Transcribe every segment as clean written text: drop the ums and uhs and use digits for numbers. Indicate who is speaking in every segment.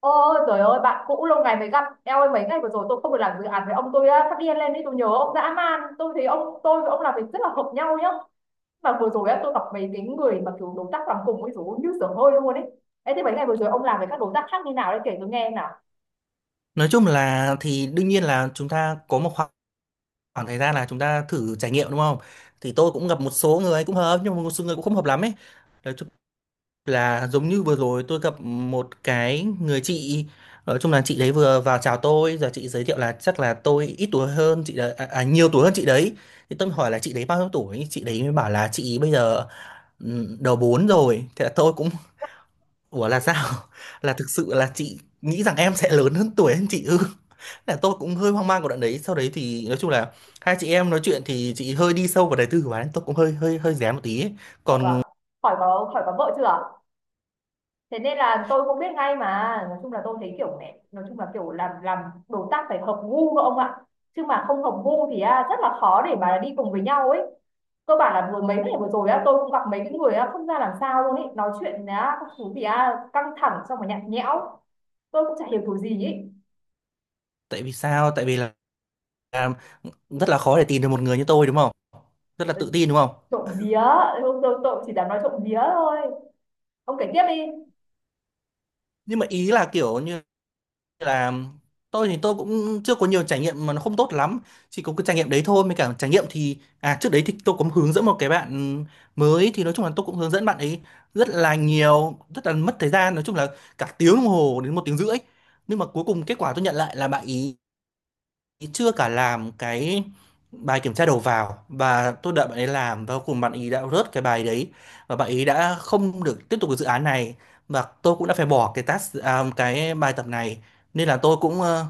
Speaker 1: Ôi trời ơi, bạn cũ lâu ngày mới gặp. Eo ơi, mấy ngày vừa rồi tôi không được làm dự án với ông. Tôi á, phát điên lên đi, tôi nhớ ông dã man. Tôi thấy ông, tôi với ông làm việc rất là hợp nhau nhá. Mà vừa rồi á, tôi gặp mấy cái người mà kiểu đối tác làm cùng ấy, dồi ôi, như sửa hơi luôn ấy. Ê thế mấy ngày vừa rồi ông làm với các đối tác khác như nào đấy, kể tôi nghe nào.
Speaker 2: Nói chung là thì đương nhiên là chúng ta có một khoảng thời gian là chúng ta thử trải nghiệm đúng không? Thì tôi cũng gặp một số người cũng hợp nhưng mà một số người cũng không hợp lắm ấy. Nói chung là giống như vừa rồi tôi gặp một cái người chị, nói chung là chị đấy vừa vào chào tôi giờ chị giới thiệu là chắc là tôi ít tuổi hơn chị đấy nhiều tuổi hơn chị đấy. Thì tôi hỏi là chị đấy bao nhiêu tuổi? Chị đấy mới bảo là chị bây giờ đầu 4 rồi. Thế là tôi cũng ủa là sao? Là thực sự là chị nghĩ rằng em sẽ lớn hơn tuổi hơn chị ư? Là tôi cũng hơi hoang mang của đoạn đấy. Sau đấy thì nói chung là hai chị em nói chuyện thì chị hơi đi sâu vào đời tư của bạn ấy. Tôi cũng hơi hơi hơi rén một tí ấy.
Speaker 1: Sợ à?
Speaker 2: Còn
Speaker 1: Khỏi có vợ chưa, thế nên là tôi cũng biết ngay mà. Nói chung là tôi thấy kiểu này, nói chung là kiểu làm đối tác phải hợp gu các ông ạ, chứ mà không hợp gu thì rất là khó để mà đi cùng với nhau ấy. Cơ bản là vừa mấy ngày vừa rồi á, tôi cũng gặp mấy cái người á không ra làm sao luôn ấy, nói chuyện á các thứ thì á căng thẳng xong rồi nhạt nhẽo, tôi cũng chả hiểu kiểu gì ấy.
Speaker 2: tại vì sao? Tại vì là rất là khó để tìm được một người như tôi đúng không? Rất là
Speaker 1: Ờ,
Speaker 2: tự tin đúng không?
Speaker 1: trộm vía, tôi chỉ dám nói trộm vía thôi, ông kể tiếp đi.
Speaker 2: Nhưng mà ý là kiểu như là tôi thì tôi cũng chưa có nhiều trải nghiệm mà nó không tốt lắm, chỉ có cái trải nghiệm đấy thôi mới cả trải nghiệm thì trước đấy thì tôi cũng hướng dẫn một cái bạn mới, thì nói chung là tôi cũng hướng dẫn bạn ấy rất là nhiều, rất là mất thời gian, nói chung là cả tiếng đồng hồ đến một tiếng rưỡi, nhưng mà cuối cùng kết quả tôi nhận lại là bạn ý chưa cả làm cái bài kiểm tra đầu vào, và tôi đợi bạn ấy làm và cuối cùng bạn ấy đã rớt cái bài đấy và bạn ấy đã không được tiếp tục cái dự án này, và tôi cũng đã phải bỏ cái cái bài tập này. Nên là tôi cũng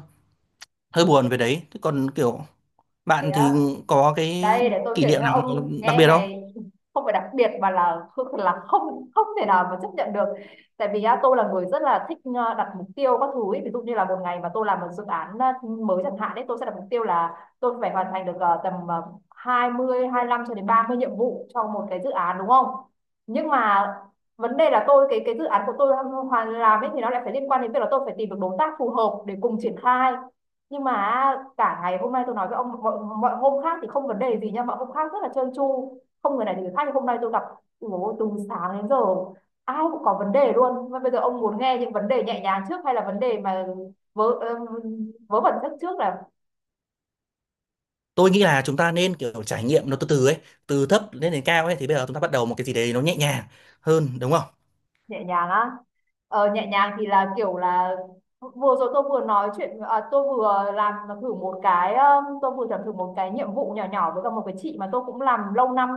Speaker 2: hơi buồn về đấy. Thế còn kiểu
Speaker 1: Thế
Speaker 2: bạn thì
Speaker 1: à,
Speaker 2: có cái
Speaker 1: đây để tôi
Speaker 2: kỷ
Speaker 1: kể
Speaker 2: niệm
Speaker 1: cho
Speaker 2: nào
Speaker 1: ông
Speaker 2: đặc
Speaker 1: nghe
Speaker 2: biệt không?
Speaker 1: ngày. Không phải đặc biệt mà là không không thể nào mà chấp nhận được. Tại vì á, tôi là người rất là thích đặt mục tiêu các thứ ý. Ví dụ như là một ngày mà tôi làm một dự án mới chẳng hạn đấy, tôi sẽ đặt mục tiêu là tôi phải hoàn thành được tầm 20 lăm cho đến 30 nhiệm vụ cho một cái dự án, đúng không. Nhưng mà vấn đề là tôi, cái dự án của tôi hoàn làm ấy, thì nó lại phải liên quan đến việc là tôi phải tìm được đối tác phù hợp để cùng triển khai. Nhưng mà cả ngày hôm nay tôi nói với ông, mọi hôm khác thì không vấn đề gì nha, mọi hôm khác rất là trơn tru, không người này thì người khác. Nhưng hôm nay tôi gặp, ủa, từ sáng đến giờ ai cũng có vấn đề luôn. Mà bây giờ ông muốn nghe những vấn đề nhẹ nhàng trước hay là vấn đề mà vớ vớ vẩn nhất trước? Là
Speaker 2: Tôi nghĩ là chúng ta nên kiểu trải nghiệm nó từ từ ấy, từ thấp lên đến cao ấy, thì bây giờ chúng ta bắt đầu một cái gì đấy nó nhẹ nhàng hơn đúng không?
Speaker 1: nhẹ nhàng á? Ờ, nhẹ nhàng thì là kiểu là vừa rồi tôi vừa nói chuyện, tôi vừa làm thử một cái, tôi vừa làm thử một cái nhiệm vụ nhỏ nhỏ với cả một cái chị mà tôi cũng làm lâu năm,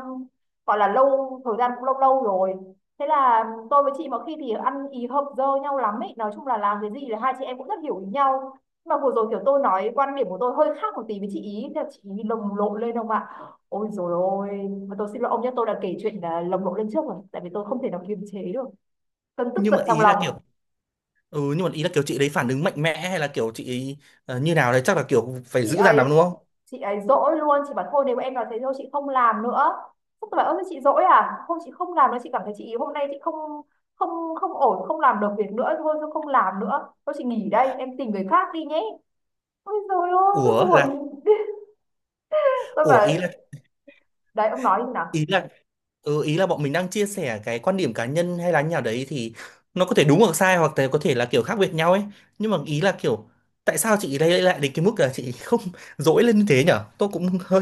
Speaker 1: gọi là lâu, thời gian cũng lâu lâu rồi. Thế là tôi với chị mà khi thì ăn ý hợp dơ nhau lắm ấy, nói chung là làm cái gì là hai chị em cũng rất hiểu ý nhau. Nhưng mà vừa rồi kiểu tôi nói quan điểm của tôi hơi khác một tí với chị ý, thế là chị ý lồng lộn lên không ạ. Ôi rồi ôi, mà tôi xin lỗi ông nhé, tôi đã kể chuyện là lồng lộn lên trước rồi, tại vì tôi không thể nào kiềm chế được cơn tức
Speaker 2: Nhưng
Speaker 1: giận
Speaker 2: mà
Speaker 1: trong
Speaker 2: ý là kiểu
Speaker 1: lòng.
Speaker 2: ừ, nhưng mà ý là kiểu chị đấy phản ứng mạnh mẽ hay là kiểu chị ấy như nào đấy, chắc là kiểu phải
Speaker 1: chị
Speaker 2: dữ dằn lắm
Speaker 1: ấy
Speaker 2: đúng không?
Speaker 1: chị ấy dỗi luôn. Chị bảo thôi nếu em nói thế, thôi chị không làm nữa. Tôi bảo ơ thế chị dỗi à. Không, chị không làm nữa, chị cảm thấy chị hôm nay chị không không không ổn, không làm được việc nữa, thôi tôi không làm nữa, tôi chị nghỉ đây, em tìm người khác đi nhé. Ôi rồi ôi, tôi
Speaker 2: Ủa là
Speaker 1: buồn. Tôi
Speaker 2: ủa
Speaker 1: bảo đấy, ông nói như nào.
Speaker 2: ý là ừ, ý là bọn mình đang chia sẻ cái quan điểm cá nhân hay là như nào đấy, thì nó có thể đúng hoặc sai hoặc là có thể là kiểu khác biệt nhau ấy. Nhưng mà ý là kiểu tại sao chị đây lại đến cái mức là chị không dỗi lên như thế nhở? Tôi cũng hơi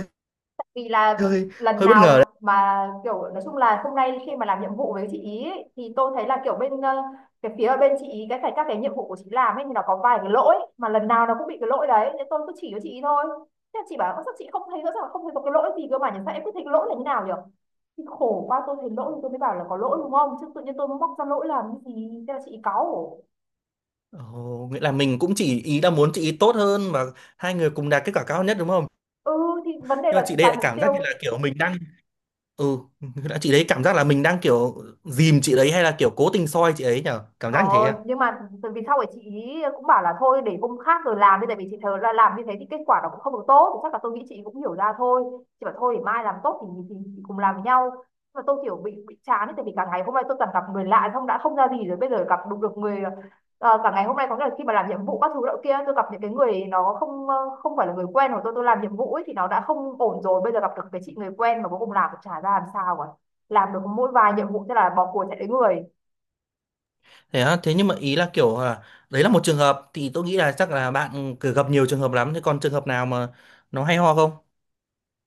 Speaker 1: Vì là
Speaker 2: hơi
Speaker 1: lần
Speaker 2: hơi bất ngờ
Speaker 1: nào
Speaker 2: đấy.
Speaker 1: mà kiểu, nói chung là hôm nay khi mà làm nhiệm vụ với chị ý ấy, thì tôi thấy là kiểu bên cái phía bên chị ý, cái các cái nhiệm vụ của chị làm ấy thì nó có vài cái lỗi mà lần nào nó cũng bị cái lỗi đấy, nên tôi cứ chỉ cho chị ý thôi. Thế là chị bảo "Ơ, sao chị không thấy, rõ ràng không thấy có cái lỗi gì cơ mà nhỉ, sao em cứ thấy cái lỗi là như nào nhỉ". Thì khổ quá, tôi thấy lỗi thì tôi mới bảo là có lỗi đúng không, chứ tự nhiên tôi móc ra lỗi làm cái gì. Thế là chị ý cáu.
Speaker 2: Ồ, nghĩa là mình cũng chỉ ý là muốn chị ý tốt hơn và hai người cùng đạt kết quả cao nhất đúng không?
Speaker 1: Ừ thì vấn đề
Speaker 2: Nhưng mà chị
Speaker 1: là
Speaker 2: đây
Speaker 1: đạt
Speaker 2: lại
Speaker 1: mục
Speaker 2: cảm giác
Speaker 1: tiêu.
Speaker 2: như là kiểu mình đang ừ đã chị đấy cảm giác là mình đang kiểu dìm chị đấy hay là kiểu cố tình soi chị ấy nhở, cảm
Speaker 1: Ờ,
Speaker 2: giác như thế à?
Speaker 1: nhưng mà từ vì sau ấy chị ý cũng bảo là thôi để hôm khác rồi làm đi, tại vì chị thờ là làm như thế thì kết quả nó cũng không được tốt, thì chắc là tôi nghĩ chị cũng hiểu ra thôi. Chị bảo thôi để mai làm tốt, thì cùng làm với nhau. Nhưng mà tôi kiểu bị chán ấy, tại vì cả ngày hôm nay tôi toàn gặp người lạ xong đã không ra gì rồi, bây giờ gặp đúng được người cả ngày hôm nay có nghĩa là khi mà làm nhiệm vụ các thứ đó kia tôi gặp những cái người nó không không phải là người quen của tôi làm nhiệm vụ ấy thì nó đã không ổn rồi, bây giờ gặp được cái chị người quen mà cuối cùng làm cũng chả ra làm sao cả, làm được mỗi vài nhiệm vụ thế là bỏ cuộc chạy đến người.
Speaker 2: Thế á, thế nhưng mà ý là kiểu là đấy là một trường hợp, thì tôi nghĩ là chắc là bạn cứ gặp nhiều trường hợp lắm, thế còn trường hợp nào mà nó hay ho không?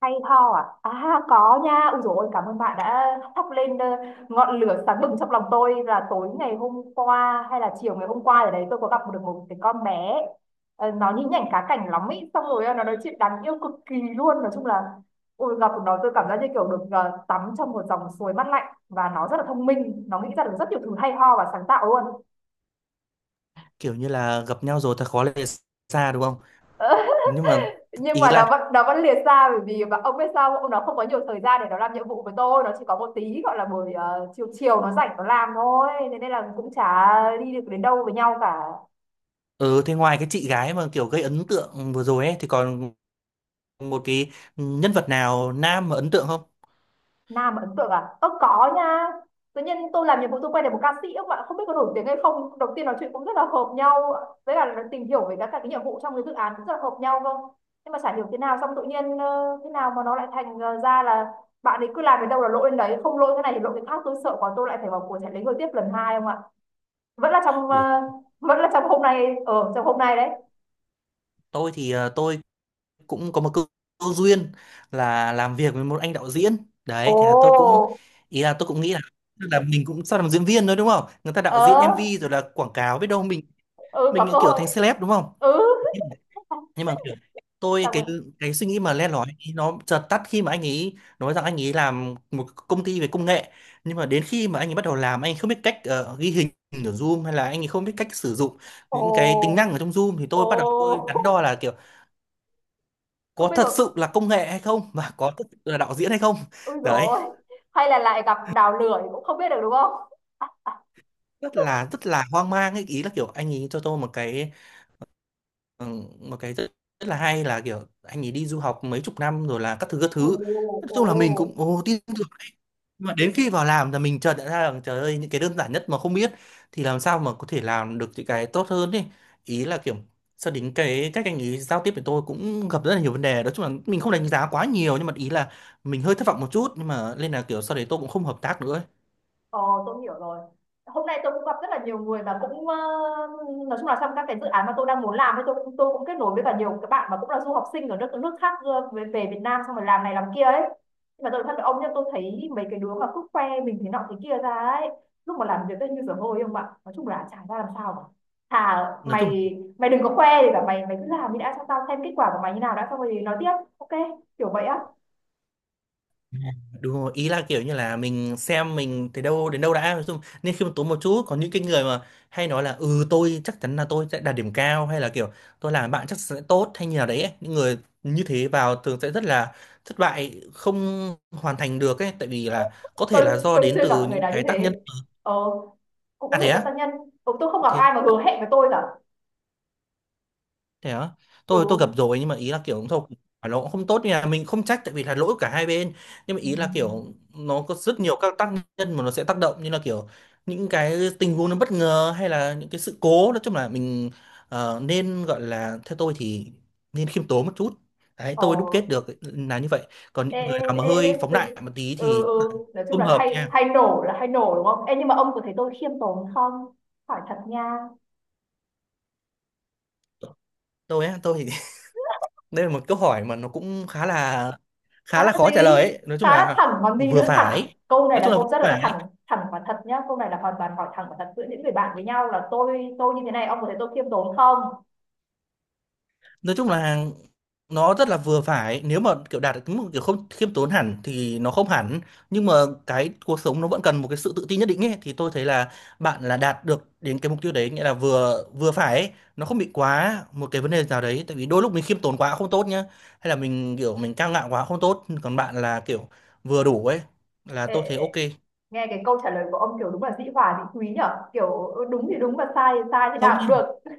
Speaker 1: Hay ho à? À có nha. Ui dồi ôi, cảm ơn bạn đã thắp lên ngọn lửa sáng bừng trong lòng tôi. Là tối ngày hôm qua hay là chiều ngày hôm qua ở đấy, tôi có gặp được một cái con bé. Ờ, nó nhí nhảnh cá cảnh lắm ý, xong rồi nó nói chuyện đáng yêu cực kỳ luôn. Nói chung là ôi gặp nó tôi cảm giác như kiểu được tắm trong một dòng suối mát lạnh, và nó rất là thông minh, nó nghĩ ra được rất nhiều thứ hay ho và sáng tạo luôn.
Speaker 2: Kiểu như là gặp nhau rồi thật khó lìa xa đúng không?
Speaker 1: Ờ,
Speaker 2: Nhưng mà
Speaker 1: nhưng
Speaker 2: ý
Speaker 1: mà nó
Speaker 2: là
Speaker 1: vẫn nó vẫn liệt ra, bởi vì và ông biết sao ông, nó không có nhiều thời gian để nó làm nhiệm vụ với tôi, nó chỉ có một tí gọi là buổi chiều chiều nó rảnh nó làm thôi, thế nên là cũng chả đi được đến đâu với nhau cả.
Speaker 2: ừ, thế ngoài cái chị gái mà kiểu gây ấn tượng vừa rồi ấy thì còn một cái nhân vật nào nam mà ấn tượng không?
Speaker 1: Nam ấn tượng à? Ơ có nha. Tự nhiên tôi làm nhiệm vụ tôi quay được một ca sĩ, các bạn không biết có nổi tiếng hay không. Đầu tiên nói chuyện cũng rất là hợp nhau. Với cả là tìm hiểu về các cái nhiệm vụ trong cái dự án cũng rất là hợp nhau, không? Nhưng mà chả hiểu thế nào xong tự nhiên thế nào mà nó lại thành ra là bạn ấy cứ làm đến đâu là lỗi đến đấy, không lỗi cái này thì lỗi cái khác, tôi sợ quá, tôi lại phải vào cuộc chạy lấy người tiếp lần hai không ạ? Vẫn là trong
Speaker 2: Ủa,
Speaker 1: vẫn là trong hôm nay, ở trong hôm nay đấy.
Speaker 2: tôi cũng có một câu duyên là làm việc với một anh đạo diễn
Speaker 1: Ồ,
Speaker 2: đấy, thế là tôi cũng ý là tôi cũng nghĩ là tức là mình cũng sao làm diễn viên thôi đúng không, người ta đạo diễn
Speaker 1: ờ,
Speaker 2: MV rồi là quảng cáo, biết đâu mình
Speaker 1: ừ
Speaker 2: mình
Speaker 1: có
Speaker 2: lại
Speaker 1: cơ
Speaker 2: kiểu
Speaker 1: hội.
Speaker 2: thành celeb đúng không?
Speaker 1: Ừ,
Speaker 2: nhưng mà nhưng mà kiểu tôi
Speaker 1: xong rồi.
Speaker 2: cái suy nghĩ mà len lỏi ấy, nó chợt tắt khi mà anh ấy nói rằng anh ấy làm một công ty về công nghệ. Nhưng mà đến khi mà anh ấy bắt đầu làm, anh ấy không biết cách ghi hình ở Zoom, hay là anh ấy không biết cách sử dụng những cái tính
Speaker 1: Ồ,
Speaker 2: năng ở trong Zoom, thì tôi
Speaker 1: ồ.
Speaker 2: bắt đầu tôi đắn đo là kiểu
Speaker 1: Không
Speaker 2: có
Speaker 1: biết
Speaker 2: thật
Speaker 1: có.
Speaker 2: sự là công nghệ hay không và có thật sự là đạo diễn hay không.
Speaker 1: Ôi
Speaker 2: Đấy,
Speaker 1: rồi, hay là lại gặp đào lưỡi cũng không biết được đúng không.
Speaker 2: rất là hoang mang ấy, ý là kiểu anh ấy cho tôi một cái rất là hay là, kiểu, anh ấy đi du học mấy chục năm rồi là các thứ, các
Speaker 1: Ồ,
Speaker 2: thứ. Nói chung là mình
Speaker 1: ồ.
Speaker 2: cũng, ồ, tin tưởng ấy. Nhưng mà đến khi vào làm là mình chợt nhận ra rằng trời ơi, những cái đơn giản nhất mà không biết thì làm sao mà có thể làm được những cái tốt hơn ấy. Ý là kiểu sau đến cái cách anh ấy giao tiếp với tôi cũng gặp rất là nhiều vấn đề. Nói chung là mình không đánh giá quá nhiều nhưng mà ý là mình hơi thất vọng một chút, nhưng mà nên là kiểu sau đấy tôi cũng không hợp tác nữa ấy.
Speaker 1: Ờ, tôi hiểu rồi. Hôm nay tôi cũng gặp rất là nhiều người mà cũng nói chung là trong các cái dự án mà tôi đang muốn làm ấy, tôi cũng, tôi cũng kết nối với cả nhiều các bạn mà cũng là du học sinh ở nước nước khác về, về Việt Nam xong rồi làm này làm kia ấy. Nhưng mà tôi nói thật với ông, nhưng tôi thấy mấy cái đứa mà cứ khoe mình thế nọ thế kia ra ấy, lúc mà làm việc ấy như dở hơi không ạ. Nói chung là chả ra làm sao cả. Thà
Speaker 2: Nói chung
Speaker 1: mày, đừng có khoe thì cả mày, cứ làm đi đã, cho tao xem kết quả của mày như nào đã, xong rồi nói tiếp. Ok, kiểu vậy á.
Speaker 2: đúng rồi, ý là kiểu như là mình xem mình thấy đâu đến đâu đã, nói chung nên khiêm tốn một chút. Có những cái người mà hay nói là ừ tôi chắc chắn là tôi sẽ đạt điểm cao hay là kiểu tôi làm bạn chắc sẽ tốt hay như nào đấy ấy, những người như thế vào thường sẽ rất là thất bại, không hoàn thành được ấy, tại vì là có thể
Speaker 1: Tôi
Speaker 2: là do
Speaker 1: tôi
Speaker 2: đến
Speaker 1: chưa gặp
Speaker 2: từ
Speaker 1: người
Speaker 2: những
Speaker 1: nào như
Speaker 2: cái tác nhân.
Speaker 1: thế. Ờ, cũng
Speaker 2: Ra
Speaker 1: có
Speaker 2: thế
Speaker 1: thể dẫn
Speaker 2: á,
Speaker 1: tăng nhân. Ừ, tôi không gặp
Speaker 2: thế
Speaker 1: ai mà hứa hẹn với tôi cả.
Speaker 2: thế á, tôi gặp
Speaker 1: Ừ.
Speaker 2: rồi, nhưng mà ý là kiểu thôi phải nó cũng không tốt nha, mình không trách tại vì là lỗi của cả hai bên. Nhưng mà
Speaker 1: Ừ.
Speaker 2: ý là kiểu nó có rất nhiều các tác nhân mà nó sẽ tác động, như là kiểu những cái tình huống nó bất ngờ hay là những cái sự cố, nói chung là mình nên gọi là theo tôi thì nên khiêm tốn một chút, đấy
Speaker 1: Ờ.
Speaker 2: tôi đúc kết được là như vậy. Còn
Speaker 1: Ê,
Speaker 2: những người
Speaker 1: ê,
Speaker 2: nào mà
Speaker 1: ê, ê,
Speaker 2: hơi
Speaker 1: ê,
Speaker 2: phóng
Speaker 1: từ...
Speaker 2: đại một tí
Speaker 1: Ừ,
Speaker 2: thì
Speaker 1: ừ. Nói chung
Speaker 2: không
Speaker 1: là
Speaker 2: hợp
Speaker 1: hay,
Speaker 2: nha.
Speaker 1: hay nổ là hay nổ đúng không em, nhưng mà ông có thấy tôi khiêm tốn không, hỏi thật nha.
Speaker 2: Tôi thì đây là một câu hỏi mà nó cũng khá là
Speaker 1: Khá
Speaker 2: khá
Speaker 1: là
Speaker 2: là khó trả
Speaker 1: gì?
Speaker 2: lời ấy. Nói chung
Speaker 1: Khá là
Speaker 2: là
Speaker 1: thẳng còn gì
Speaker 2: vừa
Speaker 1: nữa, thẳng,
Speaker 2: phải,
Speaker 1: câu này
Speaker 2: nói
Speaker 1: là
Speaker 2: chung là
Speaker 1: câu
Speaker 2: vừa
Speaker 1: rất là
Speaker 2: phải,
Speaker 1: thẳng, thẳng và thật nhá, câu này là hoàn toàn hỏi thẳng và thật giữa những người bạn với nhau, là tôi, như thế này ông có thấy tôi khiêm tốn không.
Speaker 2: nói chung là nó rất là vừa phải, nếu mà kiểu đạt được một kiểu không khiêm tốn hẳn thì nó không hẳn. Nhưng mà cái cuộc sống nó vẫn cần một cái sự tự tin nhất định ấy, thì tôi thấy là bạn là đạt được đến cái mục tiêu đấy, nghĩa là vừa vừa phải ấy. Nó không bị quá một cái vấn đề nào đấy, tại vì đôi lúc mình khiêm tốn quá cũng không tốt nhá, hay là mình kiểu mình cao ngạo quá cũng không tốt, còn bạn là kiểu vừa đủ ấy, là
Speaker 1: Ê, ê,
Speaker 2: tôi thấy
Speaker 1: ê,
Speaker 2: ok.
Speaker 1: nghe cái câu trả lời của ông kiểu đúng là dĩ hòa vi quý nhở, kiểu ừ, đúng thì đúng và sai thì
Speaker 2: không
Speaker 1: nào cũng được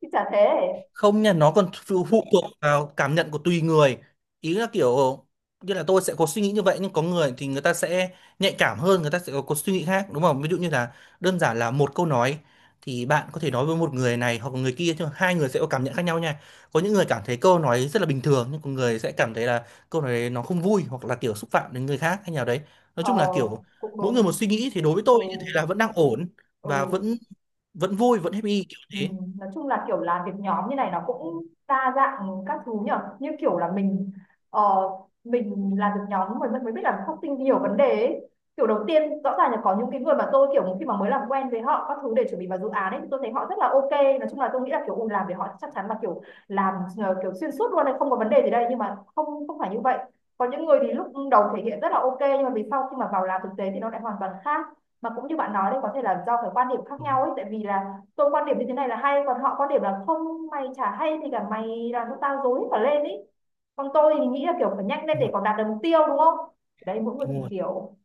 Speaker 1: chứ chả thế.
Speaker 2: không nha, nó còn phụ phụ thuộc vào cảm nhận của tùy người. Ý là kiểu như là tôi sẽ có suy nghĩ như vậy nhưng có người thì người ta sẽ nhạy cảm hơn, người ta sẽ có suy nghĩ khác đúng không? Ví dụ như là đơn giản là một câu nói thì bạn có thể nói với một người này hoặc người kia nhưng hai người sẽ có cảm nhận khác nhau nha. Có những người cảm thấy câu nói rất là bình thường, nhưng có người sẽ cảm thấy là câu nói đấy nó không vui hoặc là kiểu xúc phạm đến người khác hay nào đấy, nói
Speaker 1: Ờ,
Speaker 2: chung là kiểu
Speaker 1: cũng
Speaker 2: mỗi người một
Speaker 1: đúng.
Speaker 2: suy nghĩ, thì đối với
Speaker 1: Ừ,
Speaker 2: tôi như thế là vẫn đang ổn
Speaker 1: ừ.
Speaker 2: và vẫn vẫn vui vẫn happy kiểu thế.
Speaker 1: Nói chung là kiểu làm việc nhóm như này nó cũng đa dạng các thứ nhở, như kiểu là mình ờ, mình làm việc nhóm mình mới biết là phát sinh nhiều vấn đề ấy. Kiểu đầu tiên rõ ràng là có những cái người mà tôi kiểu khi mà mới làm quen với họ các thứ để chuẩn bị vào dự án ấy, thì tôi thấy họ rất là ok. Nói chung là tôi nghĩ là kiểu ừ, làm với họ chắc chắn là kiểu làm kiểu xuyên suốt luôn này, không có vấn đề gì đây. Nhưng mà không, phải như vậy. Có những người thì lúc đầu thể hiện rất là ok nhưng mà vì sau khi mà vào làm thực tế thì nó lại hoàn toàn khác. Mà cũng như bạn nói đấy, có thể là do cái quan điểm khác
Speaker 2: Ừ,
Speaker 1: nhau ấy, tại vì là tôi quan điểm như thế này là hay, còn họ quan điểm là không, mày chả hay thì cả mày làm cho tao rối cả lên ý. Còn tôi thì nghĩ là kiểu phải nhanh lên
Speaker 2: đúng
Speaker 1: để
Speaker 2: rồi,
Speaker 1: còn đạt được mục tiêu đúng không. Đấy, mỗi người thì
Speaker 2: đúng rồi.
Speaker 1: kiểu.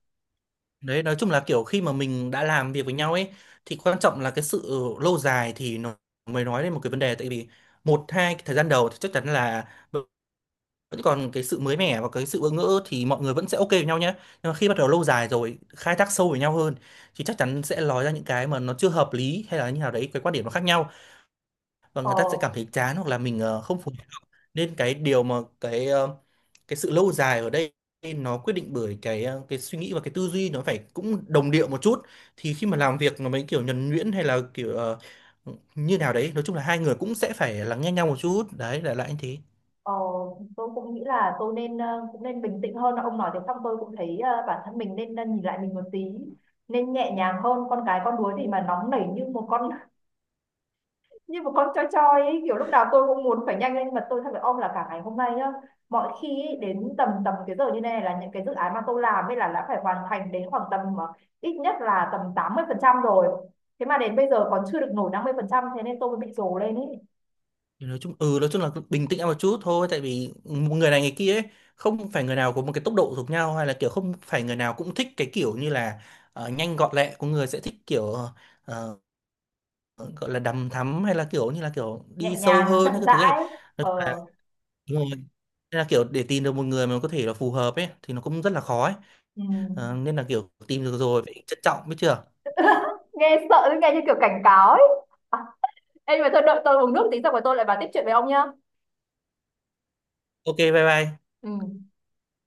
Speaker 2: Đấy, nói chung là kiểu khi mà mình đã làm việc với nhau ấy thì quan trọng là cái sự lâu dài, thì nó mới nói lên một cái vấn đề, tại vì một hai cái thời gian đầu thì chắc chắn là vẫn còn cái sự mới mẻ và cái sự bỡ ngỡ thì mọi người vẫn sẽ ok với nhau nhé. Nhưng mà khi bắt đầu lâu dài rồi, khai thác sâu với nhau hơn thì chắc chắn sẽ nói ra những cái mà nó chưa hợp lý hay là như nào đấy, cái quan điểm nó khác nhau, và
Speaker 1: Ờ.
Speaker 2: người ta sẽ cảm thấy chán hoặc là mình không phù. Nên cái điều mà cái sự lâu dài ở đây nó quyết định bởi cái suy nghĩ và cái tư duy nó phải cũng đồng điệu một chút, thì khi mà làm việc nó mới kiểu nhuần nhuyễn hay là kiểu như nào đấy, nói chung là hai người cũng sẽ phải lắng nghe nhau một chút, đấy là lại anh thế.
Speaker 1: Ờ, tôi cũng nghĩ là tôi nên cũng nên bình tĩnh hơn. Ông nói thế xong tôi cũng thấy bản thân mình nên nhìn lại mình một tí, nên nhẹ nhàng hơn con cái con đuối, thì mà nóng nảy như một con, choi choi ấy, kiểu lúc nào tôi cũng muốn phải nhanh lên. Mà tôi thật phải ôm là cả ngày hôm nay nhá, mọi khi ấy, đến tầm tầm cái giờ như này là những cái dự án mà tôi làm ấy là đã phải hoàn thành đến khoảng tầm ít nhất là tầm 80% rồi, thế mà đến bây giờ còn chưa được nổi 50%, thế nên tôi mới bị rồ lên ấy.
Speaker 2: Thì nói chung ừ, nói chung là bình tĩnh một chút thôi, tại vì người này người kia ấy, không phải người nào có một cái tốc độ giống nhau hay là kiểu không phải người nào cũng thích cái kiểu như là nhanh gọn lẹ, có người sẽ thích kiểu ờ, gọi là đằm thắm hay là kiểu như là kiểu đi
Speaker 1: Nhẹ
Speaker 2: sâu
Speaker 1: nhàng
Speaker 2: hơn
Speaker 1: chậm
Speaker 2: hay cái thứ này,
Speaker 1: rãi.
Speaker 2: nói chung là
Speaker 1: Ờ.
Speaker 2: đúng rồi. Nên là kiểu để tìm được một người mà có thể là phù hợp ấy thì nó cũng rất là khó ấy.
Speaker 1: Ừ.
Speaker 2: Ờ, nên là kiểu tìm được rồi phải trân trọng biết chưa.
Speaker 1: Nghe sợ, nghe như kiểu cảnh cáo ấy. À, ê, nhưng mà thôi đợi tôi uống nước tí xong rồi tôi lại vào tiếp chuyện với ông nhá.
Speaker 2: Ok bye bye.
Speaker 1: Ừ.